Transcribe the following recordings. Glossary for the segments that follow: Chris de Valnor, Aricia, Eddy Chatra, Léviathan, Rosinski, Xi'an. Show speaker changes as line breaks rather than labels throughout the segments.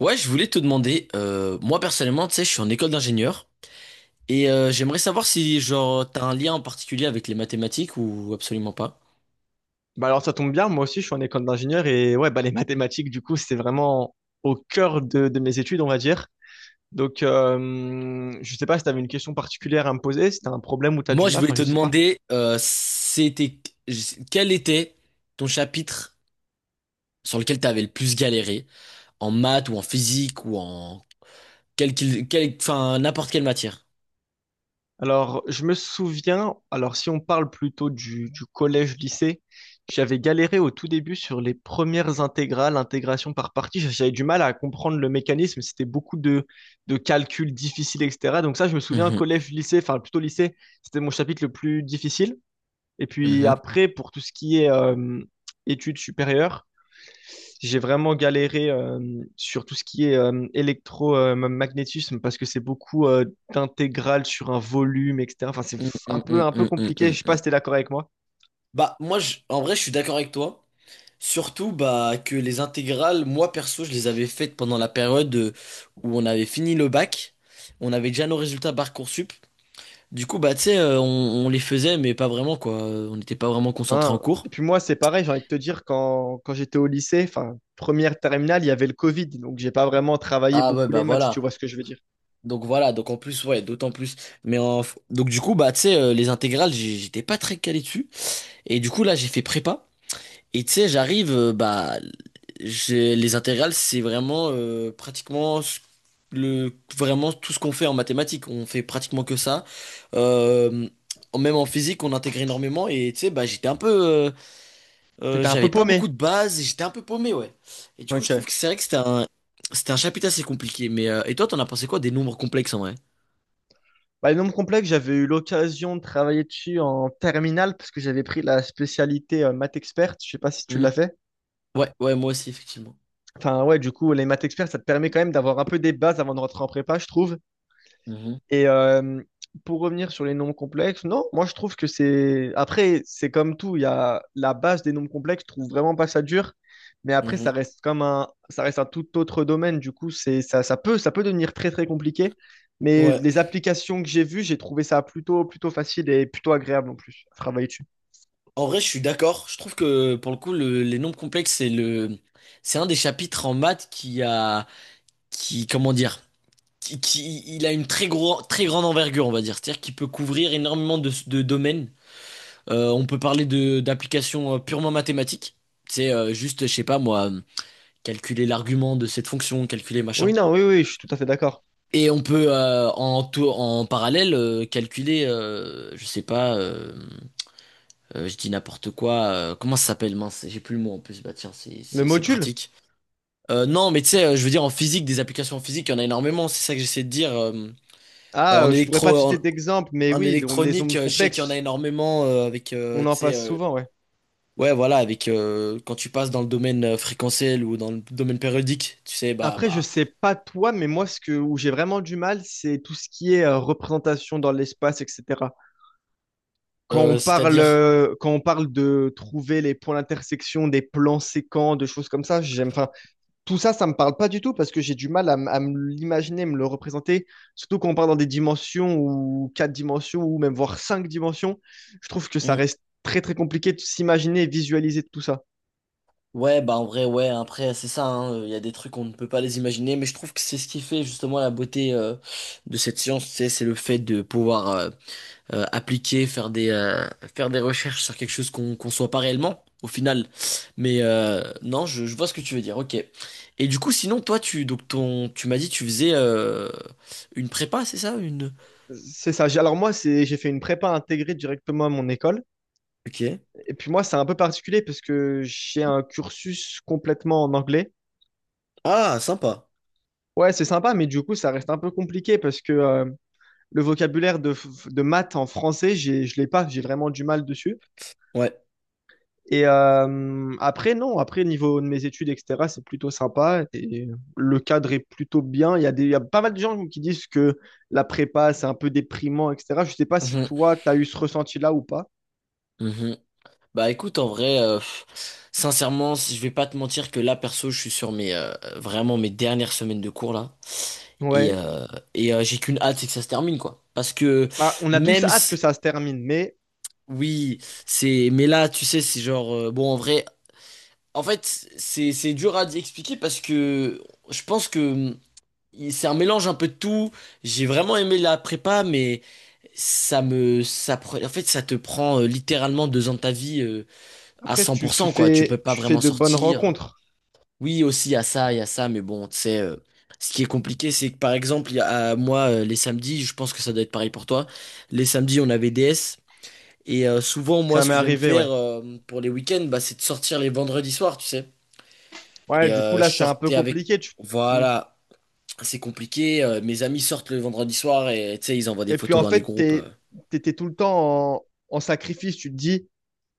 Ouais, je voulais te demander, moi personnellement, tu sais, je suis en école d'ingénieur et j'aimerais savoir si genre t'as un lien en particulier avec les mathématiques ou absolument pas.
Bah alors ça tombe bien, moi aussi je suis en école d'ingénieur et ouais bah les mathématiques du coup c'est vraiment au cœur de mes études on va dire. Donc je sais pas si tu avais une question particulière à me poser, si tu as un problème ou tu as du
Moi, je
mal,
voulais
enfin
te
je sais pas.
demander, c'était quel était ton chapitre sur lequel t'avais le plus galéré en maths ou en physique ou en quel, enfin n'importe quelle matière.
Alors je me souviens, alors si on parle plutôt du collège-lycée, j'avais galéré au tout début sur les premières intégrales, intégration par partie, j'avais du mal à comprendre le mécanisme, c'était beaucoup de calculs difficiles etc. Donc ça je me souviens
Mhm,
collège-lycée, enfin plutôt lycée, c'était mon chapitre le plus difficile. Et puis
mhm.
après, pour tout ce qui est études supérieures, j'ai vraiment galéré sur tout ce qui est électromagnétisme parce que c'est beaucoup d'intégrales sur un volume, etc. Enfin, c'est
Mm, mm, mm,
un peu
mm, mm,
compliqué.
mm,
Je sais pas si t'es
mm.
d'accord avec moi.
Bah moi, en vrai, je suis d'accord avec toi. Surtout bah, que les intégrales, moi perso, je les avais faites pendant la période où on avait fini le bac. On avait déjà nos résultats Parcoursup. Du coup, bah, tu sais, on les faisait, mais pas vraiment, quoi. On n'était pas vraiment concentrés en
Hein.
cours.
Et puis moi, c'est pareil, j'ai envie de te dire, quand j'étais au lycée, enfin, première terminale, il y avait le Covid, donc j'ai pas vraiment travaillé
Ah ouais,
beaucoup
bah
les maths, si tu vois
voilà.
ce que je veux dire.
Donc voilà, donc en plus, ouais, d'autant plus. Mais en... donc du coup, bah, tu sais, les intégrales, j'étais pas très calé dessus. Et du coup, là, j'ai fait prépa. Et tu sais, j'arrive, bah, j'ai, les intégrales, c'est vraiment pratiquement le, vraiment tout ce qu'on fait en mathématiques. On fait pratiquement que ça. Euh, même en physique, on intègre énormément. Et tu sais, bah,
T'étais un
j'avais
peu
pas beaucoup
paumé.
de bases, et j'étais un peu paumé, ouais. Et du coup, je trouve
Ok.
que c'est vrai que c'était un chapitre assez compliqué. Mais et toi, t'en as pensé quoi des nombres complexes en vrai?
Bah, les nombres complexes, j'avais eu l'occasion de travailler dessus en terminale parce que j'avais pris la spécialité maths experte. Je sais pas si tu
Mm.
l'as fait.
Ouais, ouais, moi aussi, effectivement.
Enfin, ouais, du coup, les maths experts, ça te permet quand même d'avoir un peu des bases avant de rentrer en prépa, je trouve.
Mhm.
Et pour revenir sur les nombres complexes, non, moi je trouve que c'est. Après, c'est comme tout, il y a la base des nombres complexes, je trouve vraiment pas ça dur. Mais après,
Mhm.
ça reste un tout autre domaine. Du coup, c'est ça, ça peut devenir très très compliqué. Mais
Ouais.
les applications que j'ai vues, j'ai trouvé ça plutôt facile et plutôt agréable en plus à travailler dessus.
En vrai, je suis d'accord. Je trouve que pour le coup, les nombres complexes, c'est un des chapitres en maths qui, comment dire, il a une très grande envergure, on va dire. C'est-à-dire qu'il peut couvrir énormément de domaines. On peut parler de d'applications purement mathématiques. C'est juste, je sais pas moi, calculer l'argument de cette fonction, calculer machin.
Oui, non, oui, oui, je suis tout à fait d'accord.
Et on peut en parallèle calculer, je sais pas. Je dis n'importe quoi. Comment ça s'appelle, mince? J'ai plus le mot en plus. Bah tiens,
Le
c'est
module?
pratique. Non, mais tu sais, je veux dire en physique, des applications en physique, il y en a énormément. C'est ça que j'essaie de dire.
Ah,
En
je pourrais pas
électro,
te
en,
citer d'exemple, mais
en
oui, les
électronique,
ondes
je sais qu'il y en a
complexes,
énormément avec,
on
tu
en
sais,
passe souvent, ouais.
ouais, voilà, avec quand tu passes dans le domaine fréquentiel ou dans le domaine périodique, tu sais,
Après, je sais pas toi, mais moi, où j'ai vraiment du mal, c'est tout ce qui est représentation dans l'espace, etc.
c'est-à-dire.
Quand on parle de trouver les points d'intersection, des plans séquents, de choses comme ça, j'aime, enfin, tout ça, ça me parle pas du tout parce que j'ai du mal à me l'imaginer, me le représenter. Surtout quand on parle dans des dimensions ou quatre dimensions ou même voire cinq dimensions, je trouve que ça reste très très compliqué de s'imaginer et visualiser tout ça.
Ouais, bah en vrai, ouais, après, c'est ça, hein, il y a des trucs qu'on ne peut pas les imaginer, mais je trouve que c'est ce qui fait justement la beauté de cette science, tu sais, c'est le fait de pouvoir appliquer, faire des recherches sur quelque chose qu'on soit pas réellement, au final. Mais non, je vois ce que tu veux dire, ok. Et du coup, sinon, toi, tu, donc ton, tu m'as dit, tu faisais une prépa, c'est ça, une...
C'est ça. Alors moi, j'ai fait une prépa intégrée directement à mon école.
Ok.
Et puis moi, c'est un peu particulier parce que j'ai un cursus complètement en anglais.
Ah, sympa.
Ouais, c'est sympa, mais du coup, ça reste un peu compliqué parce que le vocabulaire de maths en français, je l'ai pas. J'ai vraiment du mal dessus.
Ouais.
Et après, non, après, niveau de mes études, etc., c'est plutôt sympa. Et le cadre est plutôt bien. Il y a pas mal de gens qui disent que la prépa, c'est un peu déprimant, etc. Je sais pas si
Mhm.
toi, tu as eu ce ressenti-là ou pas.
Mhm. Bah écoute, en vrai, pff, sincèrement, si je vais pas te mentir que là, perso, je suis sur mes vraiment mes dernières semaines de cours là. Et,
Ouais.
euh, j'ai qu'une hâte, c'est que ça se termine, quoi. Parce que
Bah, on a tous
même
hâte que
si,
ça se termine, mais
oui, c'est. Mais là, tu sais, c'est genre. Bon, en vrai, en fait, c'est dur à expliquer parce que je pense que c'est un mélange un peu de tout. J'ai vraiment aimé la prépa, mais ça me. Ça, en fait, ça te prend littéralement 2 ans de ta vie. À
après,
cent
tu,
pour
tu
cent, quoi. Tu peux
fais,
pas
tu fais
vraiment
de bonnes
sortir.
rencontres.
Oui, aussi, il y a ça, il y a ça, mais bon, tu sais, ce qui est compliqué, c'est que par exemple, moi, les samedis, je pense que ça doit être pareil pour toi. Les samedis, on avait DS, et souvent, moi,
Ça
ce
m'est
que j'aime
arrivé,
faire
ouais.
pour les week-ends, bah, c'est de sortir les vendredis soirs, tu sais.
Ouais,
Et
du coup, là,
je
c'est un peu
sortais avec.
compliqué. Hmm.
Voilà, c'est compliqué. Mes amis sortent le vendredi soir et tu sais, ils envoient des
Et puis,
photos
en
dans les
fait,
groupes.
t'étais tout le temps en sacrifice. Tu te dis,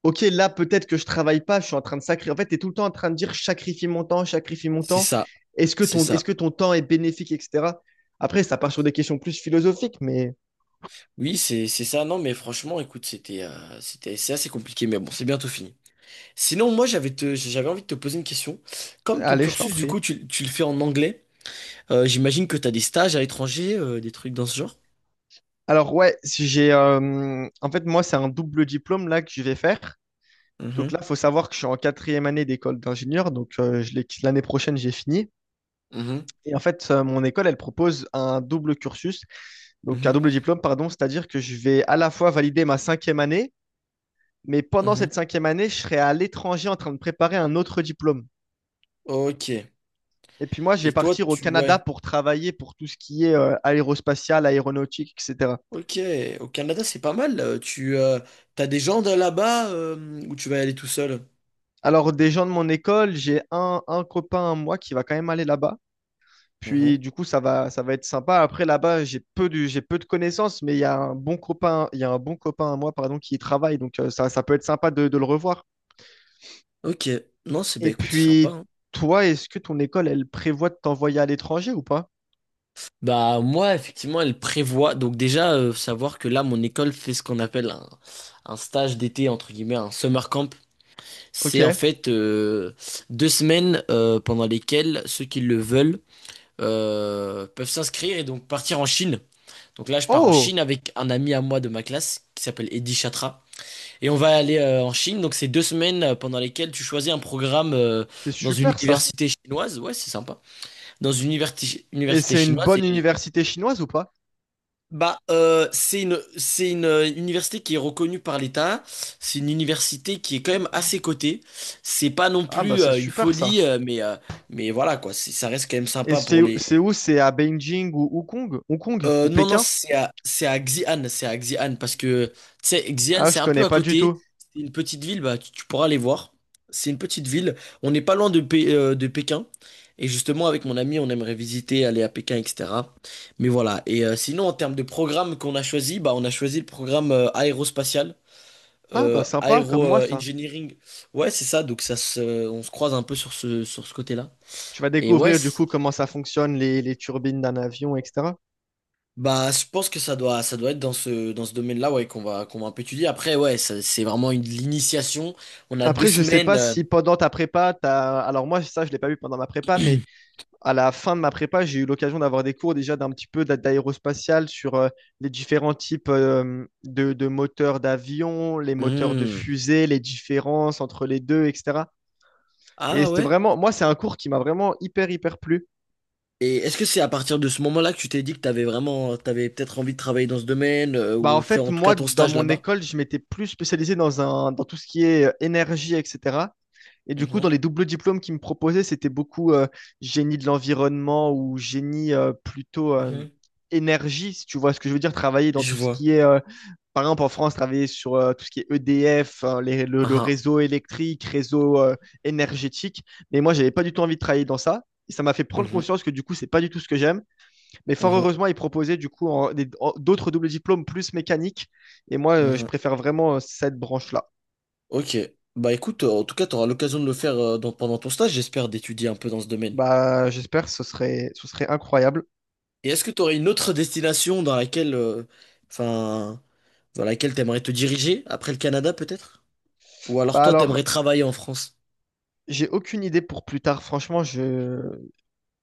OK, là, peut-être que je travaille pas, je suis en train de sacrifier. En fait, t'es tout le temps en train de dire, je sacrifie mon temps, je sacrifie mon
C'est
temps.
ça,
Est-ce que
c'est
est-ce
ça.
que ton temps est bénéfique, etc. Après, ça part sur des questions plus philosophiques, mais
Oui, c'est ça. Non, mais franchement, écoute, c'est assez compliqué, mais bon, c'est bientôt fini. Sinon, moi, j'avais envie de te poser une question. Comme ton
allez, je t'en
cursus, du
prie.
coup, tu le fais en anglais, j'imagine que tu as des stages à l'étranger, des trucs dans ce genre?
Alors, ouais, si j'ai, en fait, moi, c'est un double diplôme là que je vais faire. Donc
Mhm.
là, il faut savoir que je suis en quatrième année d'école d'ingénieur. Donc l'année prochaine, j'ai fini.
Mhm,
Et en fait, mon école, elle propose un double cursus, donc un
mhm,
double diplôme, pardon. C'est-à-dire que je vais à la fois valider ma cinquième année, mais pendant
mhm.
cette cinquième année, je serai à l'étranger en train de préparer un autre diplôme.
Ok.
Et puis moi, je vais
Et toi,
partir au
tu... Ouais.
Canada pour travailler pour tout ce qui est aérospatial, aéronautique, etc.
Ok. Au Canada, c'est pas mal. Tu as des gens de là-bas ou tu vas y aller tout seul?
Alors, des gens de mon école, j'ai un copain à moi qui va quand même aller là-bas. Puis
Mhm.
du coup, ça va être sympa. Après, là-bas, j'ai peu de connaissances, mais il y a un bon copain, il y a un bon copain à moi, pardon, qui y travaille. Donc ça, ça peut être sympa de le revoir.
Ok, non, c'est bah
Et
écoute, c'est sympa.
puis,
Hein.
toi, est-ce que ton école, elle prévoit de t'envoyer à l'étranger ou pas?
Bah moi, effectivement, elle prévoit. Donc déjà, savoir que là, mon école fait ce qu'on appelle un stage d'été, entre guillemets, un summer camp.
Ok.
C'est en fait 2 semaines pendant lesquelles ceux qui le veulent peuvent s'inscrire et donc partir en Chine. Donc là, je pars en
Oh,
Chine avec un ami à moi de ma classe qui s'appelle Eddy Chatra. Et on va aller en Chine. Donc c'est 2 semaines pendant lesquelles tu choisis un programme
c'est
dans une
super ça.
université chinoise. Ouais, c'est sympa. Dans une université,
Et
université
c'est une
chinoise.
bonne université chinoise ou pas?
Bah, c'est une université qui est reconnue par l'État. C'est une université qui est quand même assez cotée. C'est pas non
Ah bah
plus
c'est
une
super
folie,
ça.
mais voilà quoi. Ça reste quand même
Et
sympa pour
c'est
les,
où? C'est à Beijing ou Hong Kong? Hong Kong ou
non, non,
Pékin?
c'est à Xi'an, parce que, tu sais, Xi'an,
Ah,
c'est
je
un peu
connais
à
pas du
côté,
tout.
c'est une petite ville, bah, tu pourras aller voir, c'est une petite ville, on n'est pas loin de, de Pékin, et justement, avec mon ami, on aimerait visiter, aller à Pékin, etc., mais voilà, et sinon, en termes de programme qu'on a choisi, bah, on a choisi le programme aérospatial,
Ah, bah sympa, comme
aéro
moi ça.
engineering, ouais, c'est ça, donc on se croise un peu sur sur ce côté-là,
Tu vas
et ouais,
découvrir du coup comment ça fonctionne, les turbines d'un avion, etc.
Bah, je pense que ça doit être dans dans ce domaine-là, ouais, qu'on va un peu étudier. Après, ouais, c'est vraiment une l'initiation. On a deux
Après, je sais
semaines.
pas si pendant ta prépa, t'as... Alors moi, ça, je l'ai pas vu pendant ma prépa, mais à la fin de ma prépa, j'ai eu l'occasion d'avoir des cours déjà d'un petit peu d'aérospatial sur les différents types de moteurs d'avion, les moteurs de
Hmm.
fusée, les différences entre les deux, etc. Et
Ah
c'était
ouais?
vraiment, moi, c'est un cours qui m'a vraiment hyper, hyper plu.
Et est-ce que c'est à partir de ce moment-là que tu t'es dit que t'avais peut-être envie de travailler dans ce domaine,
Bah,
ou
en
faire
fait,
en tout cas
moi,
ton
dans
stage
mon
là-bas?
école, je m'étais plus spécialisé dans tout ce qui est énergie, etc. Et du coup, dans
Mhm,
les doubles diplômes qu'ils me proposaient, c'était beaucoup génie de l'environnement ou génie plutôt
mhm.
énergie, si tu vois ce que je veux dire, travailler dans
Je
tout ce
vois.
qui est par exemple, en France, travailler sur tout ce qui est EDF, hein, le
Ah,
réseau électrique, réseau énergétique. Mais moi, j'avais pas du tout envie de travailler dans ça. Et ça m'a fait
ah.
prendre
Mhm,
conscience que du coup, c'est pas du tout ce que j'aime. Mais fort
mhm,
heureusement, ils proposaient du coup d'autres doubles diplômes plus mécaniques. Et moi, je
mhm.
préfère vraiment cette branche-là.
Ok. Bah écoute, en tout cas, tu auras l'occasion de le faire pendant ton stage, j'espère, d'étudier un peu dans ce domaine.
Bah, j'espère, ce serait incroyable.
Et est-ce que tu aurais une autre destination dans laquelle, enfin, dans laquelle t'aimerais te diriger après le Canada peut-être? Ou alors
Bah
toi,
alors,
t'aimerais travailler en France?
j'ai aucune idée pour plus tard. Franchement,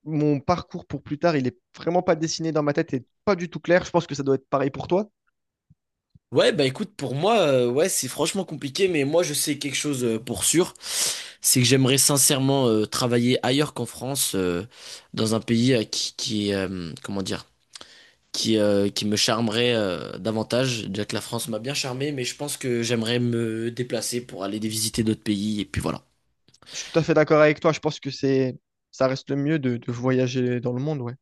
mon parcours pour plus tard, il est vraiment pas dessiné dans ma tête et pas du tout clair. Je pense que ça doit être pareil pour toi.
Ouais, bah écoute, pour moi, ouais, c'est franchement compliqué, mais moi, je sais quelque chose pour sûr, c'est que j'aimerais sincèrement travailler ailleurs qu'en France, dans un pays qui, comment dire, qui me charmerait davantage, déjà que la France m'a bien charmé, mais je pense que j'aimerais me déplacer pour aller visiter d'autres pays, et puis voilà.
Je suis tout à fait d'accord avec toi. Je pense que ça reste le mieux de voyager dans le monde, ouais.